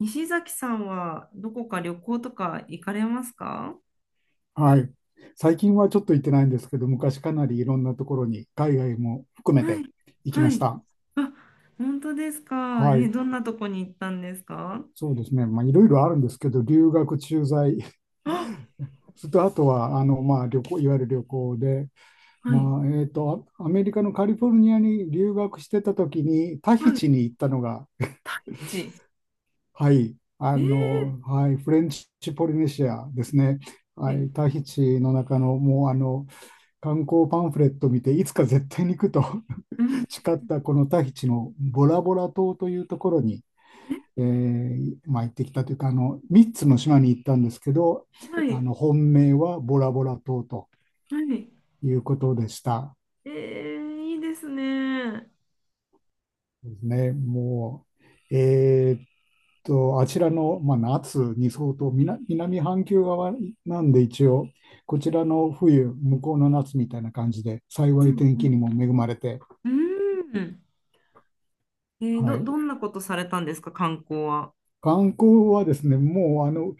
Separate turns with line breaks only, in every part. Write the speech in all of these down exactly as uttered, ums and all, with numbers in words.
西崎さんはどこか旅行とか行かれますか？
はい。最近はちょっと行ってないんですけど、昔かなりいろんなところに、海外も含め
は
て
い。
行きま
は
し
い。
た。
あ、本当ですか。
は
え、
い。
どんなとこに行ったんですか？
そうですね。まあ、いろいろあるんですけど、留学、駐在、
あ、
それとあとは、あの、まあ、旅行、いわゆる旅行で、
はい。
まあ、えっと、アアメリカのカリフォルニアに留学してた時に、タヒ
はい。
チに行ったのが、
ち。
はい、あ
えー、
の、はい、フレンチポリネシアですね。
え
はい、タヒチの中の、もう、あの、観光パンフレット見て、いつか絶対に行くと
うん。
培ったこのタヒチのボラボラ島というところに、
え、
えーまあ、行ってきたというか、あのみっつの島に行ったんですけど、
は
あ
い。
の本命はボラボラ島と
はい。
いうことでした。
えー、いいですね。
ですね。もうえーっとあちらの、まあ、夏に相当、南南半球側なんで、一応こちらの冬、向こうの夏みたいな感じで、幸
う
い
ん。
天
う
気に
ん。
も恵まれて、
うんえー、
は
ど、
い、
どんなことされたんですか、観光は？
観光はですね、もうあの、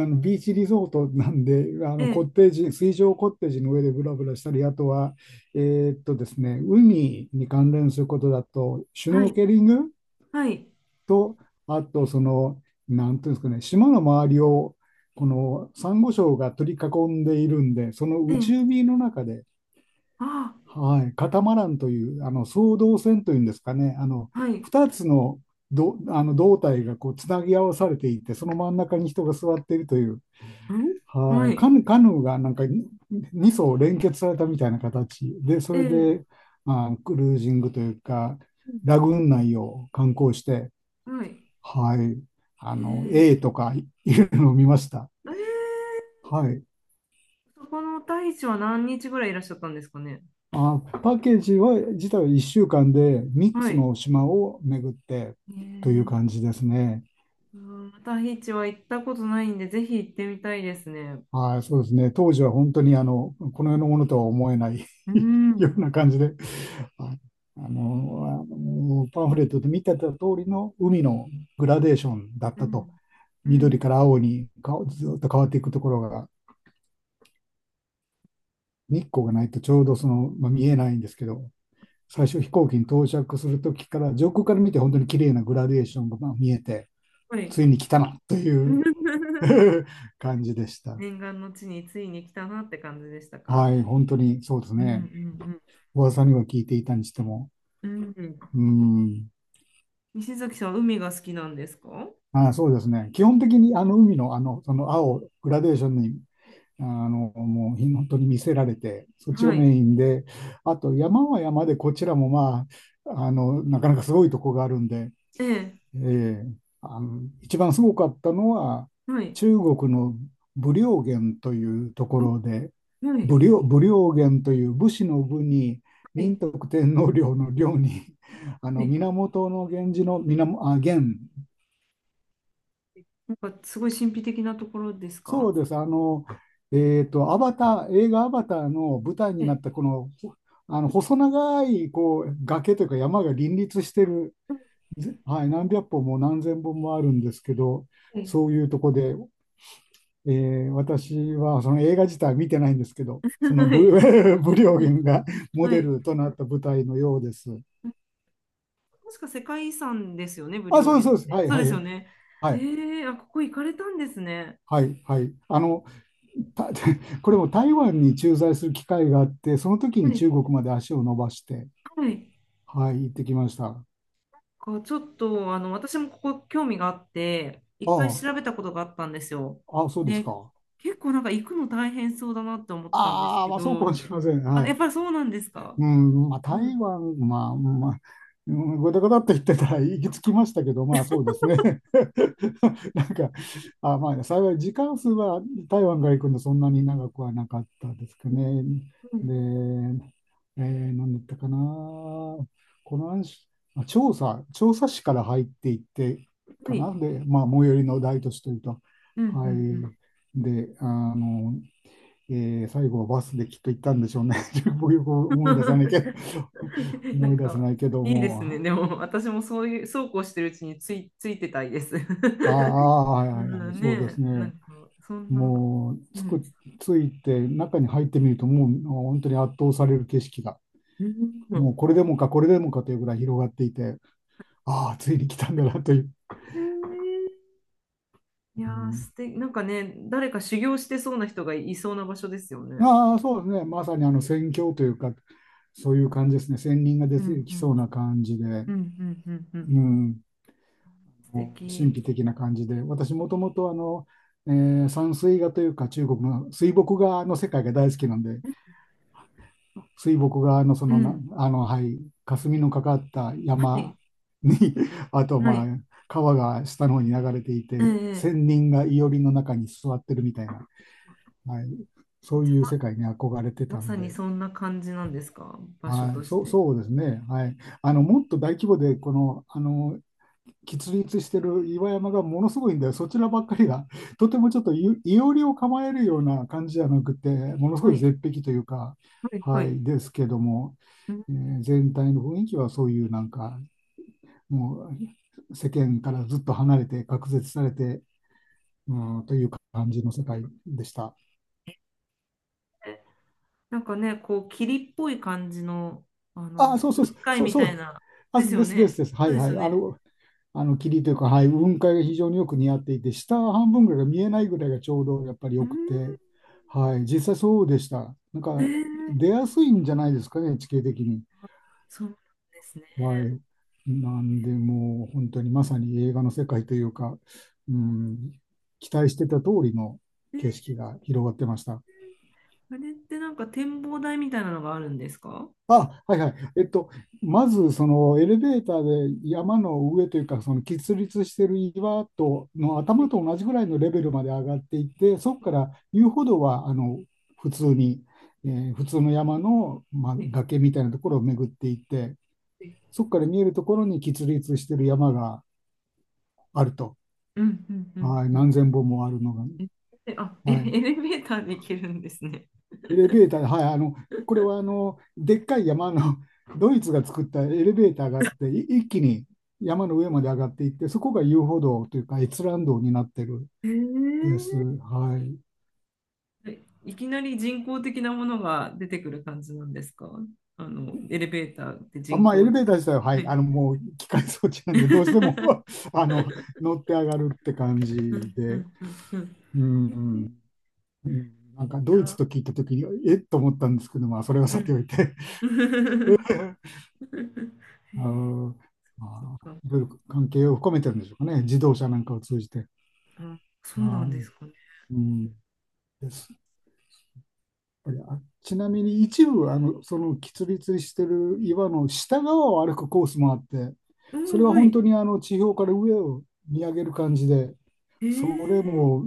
あのビーチリゾートなんで、あ
え
のコッ
ー、
テージ、水上コッテージの上でブラブラしたり、あとは、えーっとですね、海に関連することだと、シュ
は
ノー
い。
ケリング
はい。
と、あとその、なんていうんですかね、島の周りを、このサンゴ礁が取り囲んでいるんで、その
えー、
内海の中で、
あ
はい、カタマランという、あの双胴船というんですかね、あの
ー、はい。
ふたつの、どあの胴体がこうつなぎ合わされていて、その真ん中に人が座っているという、
ん
は
は
い、カ
い。
ヌ、カヌーがなんかに層連結されたみたいな形で、そ
え
れ
ー、
でまあクルージングというか、
うん
ラグーン内を観光して、
はい。
はい、あ
え
の
ー
A とかいるのを見ました。
えー、
はい。
そこのタヒチは何日ぐらいいらっしゃったんですかね？
あ、パッケージは自体はいっしゅうかんで3
は
つ
い。
の島を巡って
え
という
ー、
感じですね。
うんタヒチは行ったことないんで、ぜひ行ってみたいですね。
はい、そうですね。当時は本当にあのこの世のものとは思えない
う
よう
ん、
な感じで、ああの、あのパンフレットで見てた通りの海のグラデーションだっ
う
たと、
ん、う
緑
ん。
から青にかずっと変わっていくところが、日光がないとちょうどその、まあ、見えないんですけど、最
で、
初飛行機に到着するときから、上空から見て本当に綺麗なグラデーションがまあ見えて、
はい。
ついに来たなという 感じでした。
念願の地についに来たなって感じでしたか？
はい、本当にそうです
うんう
ね。
ん
噂には聞いていたにしても。
うんうん。
うん。
西崎さんは海が好きなんですか？
あ、そうですね。基本的にあの海のあの、その青、グラデーションに、あの、もうひ本当に見せられて、そっちが
はい。
メインで、あと山は山でこちらもまあ、あの、なかなかすごいとこがあるんで、
ええ。
ええ、あの、一番すごかったのは、
はい。
中国の武陵源というとこ
あ
ろで、
は
武
い。
陵、武陵源という、武士の武に、
は
仁
い。
徳天皇陵の陵に、あ
は
の、
い。
源源氏の源、あ、源、
なんかすごい神秘的なところですか？
そうです、あの、えーと、アバター、映画アバターの舞台
え
になっ
え。
たこの、あの細長いこう崖というか山が林立してる、
は
ぜはい、何百本も何千本もあるんですけど、
い
そういうとこで、えー私はその映画自体は見てないんですけど、その
は
ブリ、
い。
ブリオゲ ンがモ
は
デ
い。
ルとなった舞台のようです。
確か世界遺産ですよね、武
あ、
陵
そうです
源
そう
っ
です。
て。
はい
そう
は
で
い
す
は
よ
い。
ね。ええ、あ、ここ行かれたんですね。
はい、はい。あの、た これも台湾に駐在する機会があって、その時
は
に
い。
中国まで足を伸ばして、
はい。
はい、行ってきました。あ
こうちょっと、あの、私もここ興味があって、いっかい
あ、
調べたことがあったんですよ。
あ、そうです
で、
か。
結構なんか行くの大変そうだなって思ったんです
ああ、
け
まあそうかも
ど、
しれません。は
あ、やっ
い。
ぱりそうなんですか。
うん、まあ、
うん。
台湾、まあ、まあ、うんごだごだって言ってたら行き着きましたけど、まあそうですね。なんか、あ、まあ幸い時間数は台湾から行くのそんなに長くはなかったですかね。
うん。
で、えー、何だったかな。この話、あ調査、調査市から入っていって
は
かな。
い。
で、まあ最寄りの大都市というと。
うん。う
は
ん。うん。
い。で、あの、えー最後はバスできっと行ったんでしょうね。僕よく思い出さないけど、
なん
思い出せ
か、
ないけど
いいですね。
も、
でも、私もそういう、そうこうしてるうちについ、ついてたいです。
あ あ、はい
う
はいはい、
ん
そうで
ね、
す
な
ね。
んか、そんな、
もう
う
つ
ん。
く、ついて中に入ってみると、もう本当に圧倒される景色が、
う
も
ん。
うこれでもか、これでもかというぐらい広がっていて、ああ、ついに来たんだなという。
へえ。いや
う
ー、
ん、
素敵、なんかね、誰か修行してそうな人がいそうな場所ですよね。
ああ、そうですね。まさにあの宣教というか、そういう感じですね。仙人が出
う
て
んう
きそ
ん。
うな感じで。
うんうんうんうん。
うん。
素
神
敵。
秘的な感じで、私もともとあの、えー山水画というか中国の水墨画の世界が大好きなんで、水墨画のそ
う
のな、
ん。
あの、はい、霞のかかった
は
山
い。
に あと
は
まあ、
い。
川が下の方に流れてい
え
て、仙
え。
人が庵の中に座ってるみたいな、はい、そ
じ
ういう
ゃあ、
世界に憧れて
ま、ま
たん
さに
で、
そんな感じなんですか、場所
は
と
い、
し
そう、
て？
そうですね、はい、あのもっと大規模でこの、あの結立してる岩山がものすごいんだよ。そちらばっかりが、とてもちょっとい、いおりを構えるような感じじゃなくて、ものす
は
ごい
い。
絶壁というか、
はい。は
はい、
い。
ですけども、
うん。
えー全体の雰囲気はそういうなんか、もう世間からずっと離れて、隔絶されて、うん、という感じの世界でした。
なんかね、こう、霧っぽい感じの、あの、
あ、そうそ
雲
うそう、
海
そう
み
そ
たい
う。
な、
あ、
ですよ
ですです
ね。
です。は
そう
い
です
は
よ
い。あ
ね。
の、あの霧というか、はい、雲海が非常によく似合っていて、下半分ぐらいが見えないぐらいがちょうどやっぱり
う
よくて、
ー
はい、実際そうでした。なん
ん、え
か出
ー、
やすいんじゃないですかね、地形的に。
そうなんですね。
はい。なんで、もう本当にまさに映画の世界というか、うん、期待してた通りの
えー、
景色が広がってました。
あれってなんか展望台みたいなのがあるんですか？は
あ、はいはい。えっと、まず、そのエレベーターで山の上というか、その喫立している岩との頭
い
と同じぐらいのレベルまで上がっていって、そこから遊歩道はあの普通に、えー普通の山の、まあ、
はい
崖みたいなところを巡っていって、
はい。
そこから見えるところに喫立している山があると。
うんうんうん
はい、
うん。
何千本もあるのが。
え、えあ、え、エ
はい。
レベーターで行けるんですね。
エレベーター、はい、あの、これはあの、でっかい山の、ドイツが作ったエレベーターがあって、い一気に山の上まで上がっていって、そこが遊歩道というか、閲覧道になってるん
え
です。
ー、
はい。
えいきなり人工的なものが出てくる感じなんですか？あの、エレベーターって
あ、
人
まあ、エ
工
レ
知
ベー
能。
ター自体は、は
は
い、
い。
あの、もう機械装置なんで、どうしても あの、乗って上がるって感じ
うんう
で、
んうんうん。
うん、うんうん、なんか
い
ドイツ
や
と聞いたときに、えっと思ったんですけど、まあ、それはさ
ー、
ておいて
うん。
あの、
そっ
まあ、
か。
いろいろ関係を含めてるんでしょうかね、自動車なんかを通じて。
あ、そうな
は
んですかね。
い。うん。です。やっぱりあ、ちなみに一部、あの、その、きつりつりしてる岩の下側を歩くコースもあって、
う
それ
ん、
は
は
本
い。
当にあの、地表から上を見上げる感じで、
えー、
それも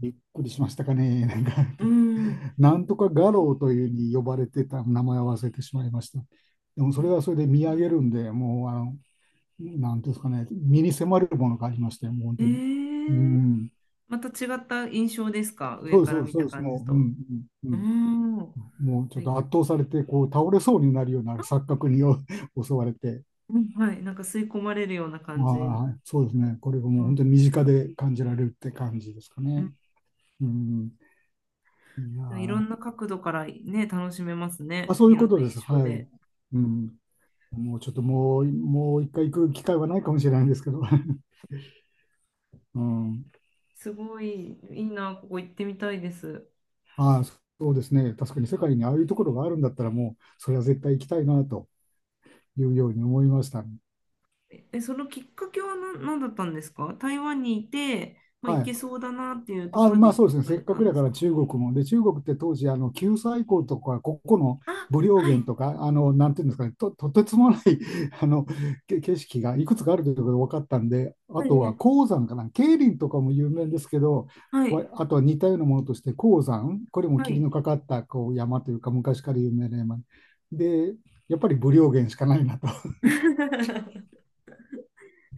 びっくりしましたかね。なんか、
うん。
なんとか画廊というに呼ばれてた名前を忘れてしまいました。でも、それ
な
はそれで見上げるんで、もう、あの、なんていうんですかね、身に迫るものがありましたよ、もう本
え
当に。う
ー、
ん。
また違った印象ですか、上
そうです
か
そ
ら
うです
見
そ
た
うです、
感じ
もう、う
と？
ん、う
うー
ん、
ん。は
もうちょっ
い。
と圧倒されて、こう倒れそうになるような錯覚に 襲われて、
うん、はい。なんか吸い込まれるような感じ。
まあ、そうですね、これがも
う
う
ん
本当に身近で感じられるって感じですか
う
ね。
ん。
うん、いやー
じゃあ、いろ
ま
んな角度からね、楽しめます
あ、
ね。
そうい
い
う
ろん
こ
な
とです。
印象
は
で。
い。うん、もうちょっともう、もう一回行く機会はないかもしれないんですけど、うん、
すごい、いいな、ここ行ってみたいです。
ああ、そうですね、確かに世界にああいうところがあるんだったら、もうそれは絶対行きたいなというように思いましたね。
え、そのきっかけは何、何だったんですか？台湾にいて、まあ、
は
行け
い、
そうだなっていうとこ
あ、
ろで
まあ
行
そうですね、
か
せっ
れ
か
た
く
ん
だ
で
か
す
ら
か？
中国も。で、中国って当時、あの九寨溝とか、ここの
あ、
武陵
はい。
源とか、あのなんていうんですかね、と、とてつもない あのけ景色がいくつかあるということが分かったんで、あ
は
とは
い
黄山かな、桂林とかも有名ですけど、
は
わ
い。
あとは似たようなものとして、黄山、これも
は
霧
い。
のかかったこう山というか、昔から有名な山。で、やっぱり武陵源しかないなと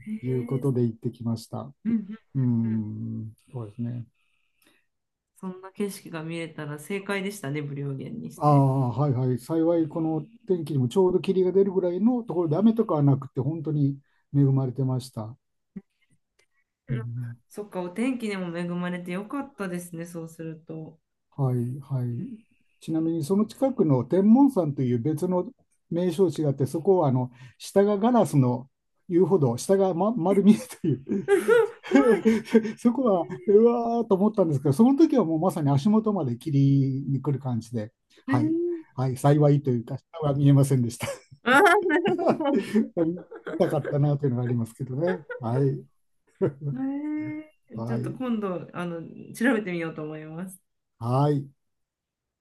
へ
いうこ
え。
とで行ってきました。
うんうんうんうん。
うん、そうですね。
そんな景色が見れたら正解でしたね、無料券にし
あ
て。
あ、はいはい。幸い、この天気にもちょうど霧が出るぐらいのところで雨とかはなくて、本当に恵まれてました。う
うん。
ん、
そっか、お天気にも恵まれてよかったですね、そうすると。
はいはい。ちなみに、その近くの天文山という別の名称地があって、そこはあの下がガラスの言うほど下が、ま、丸見えという
怖い。
そこはうわーと思ったんですけど、その時はもうまさに足元まで霧に来る感じで、
え
はい、
ー、
はい、幸いというか、下は見えませんでした。
あー、なるほ ど。
見たかったなというのがありますけどね。はい。
えー、ちょ
は
っと
い。
今度、あの、調べてみようと思います。
はい。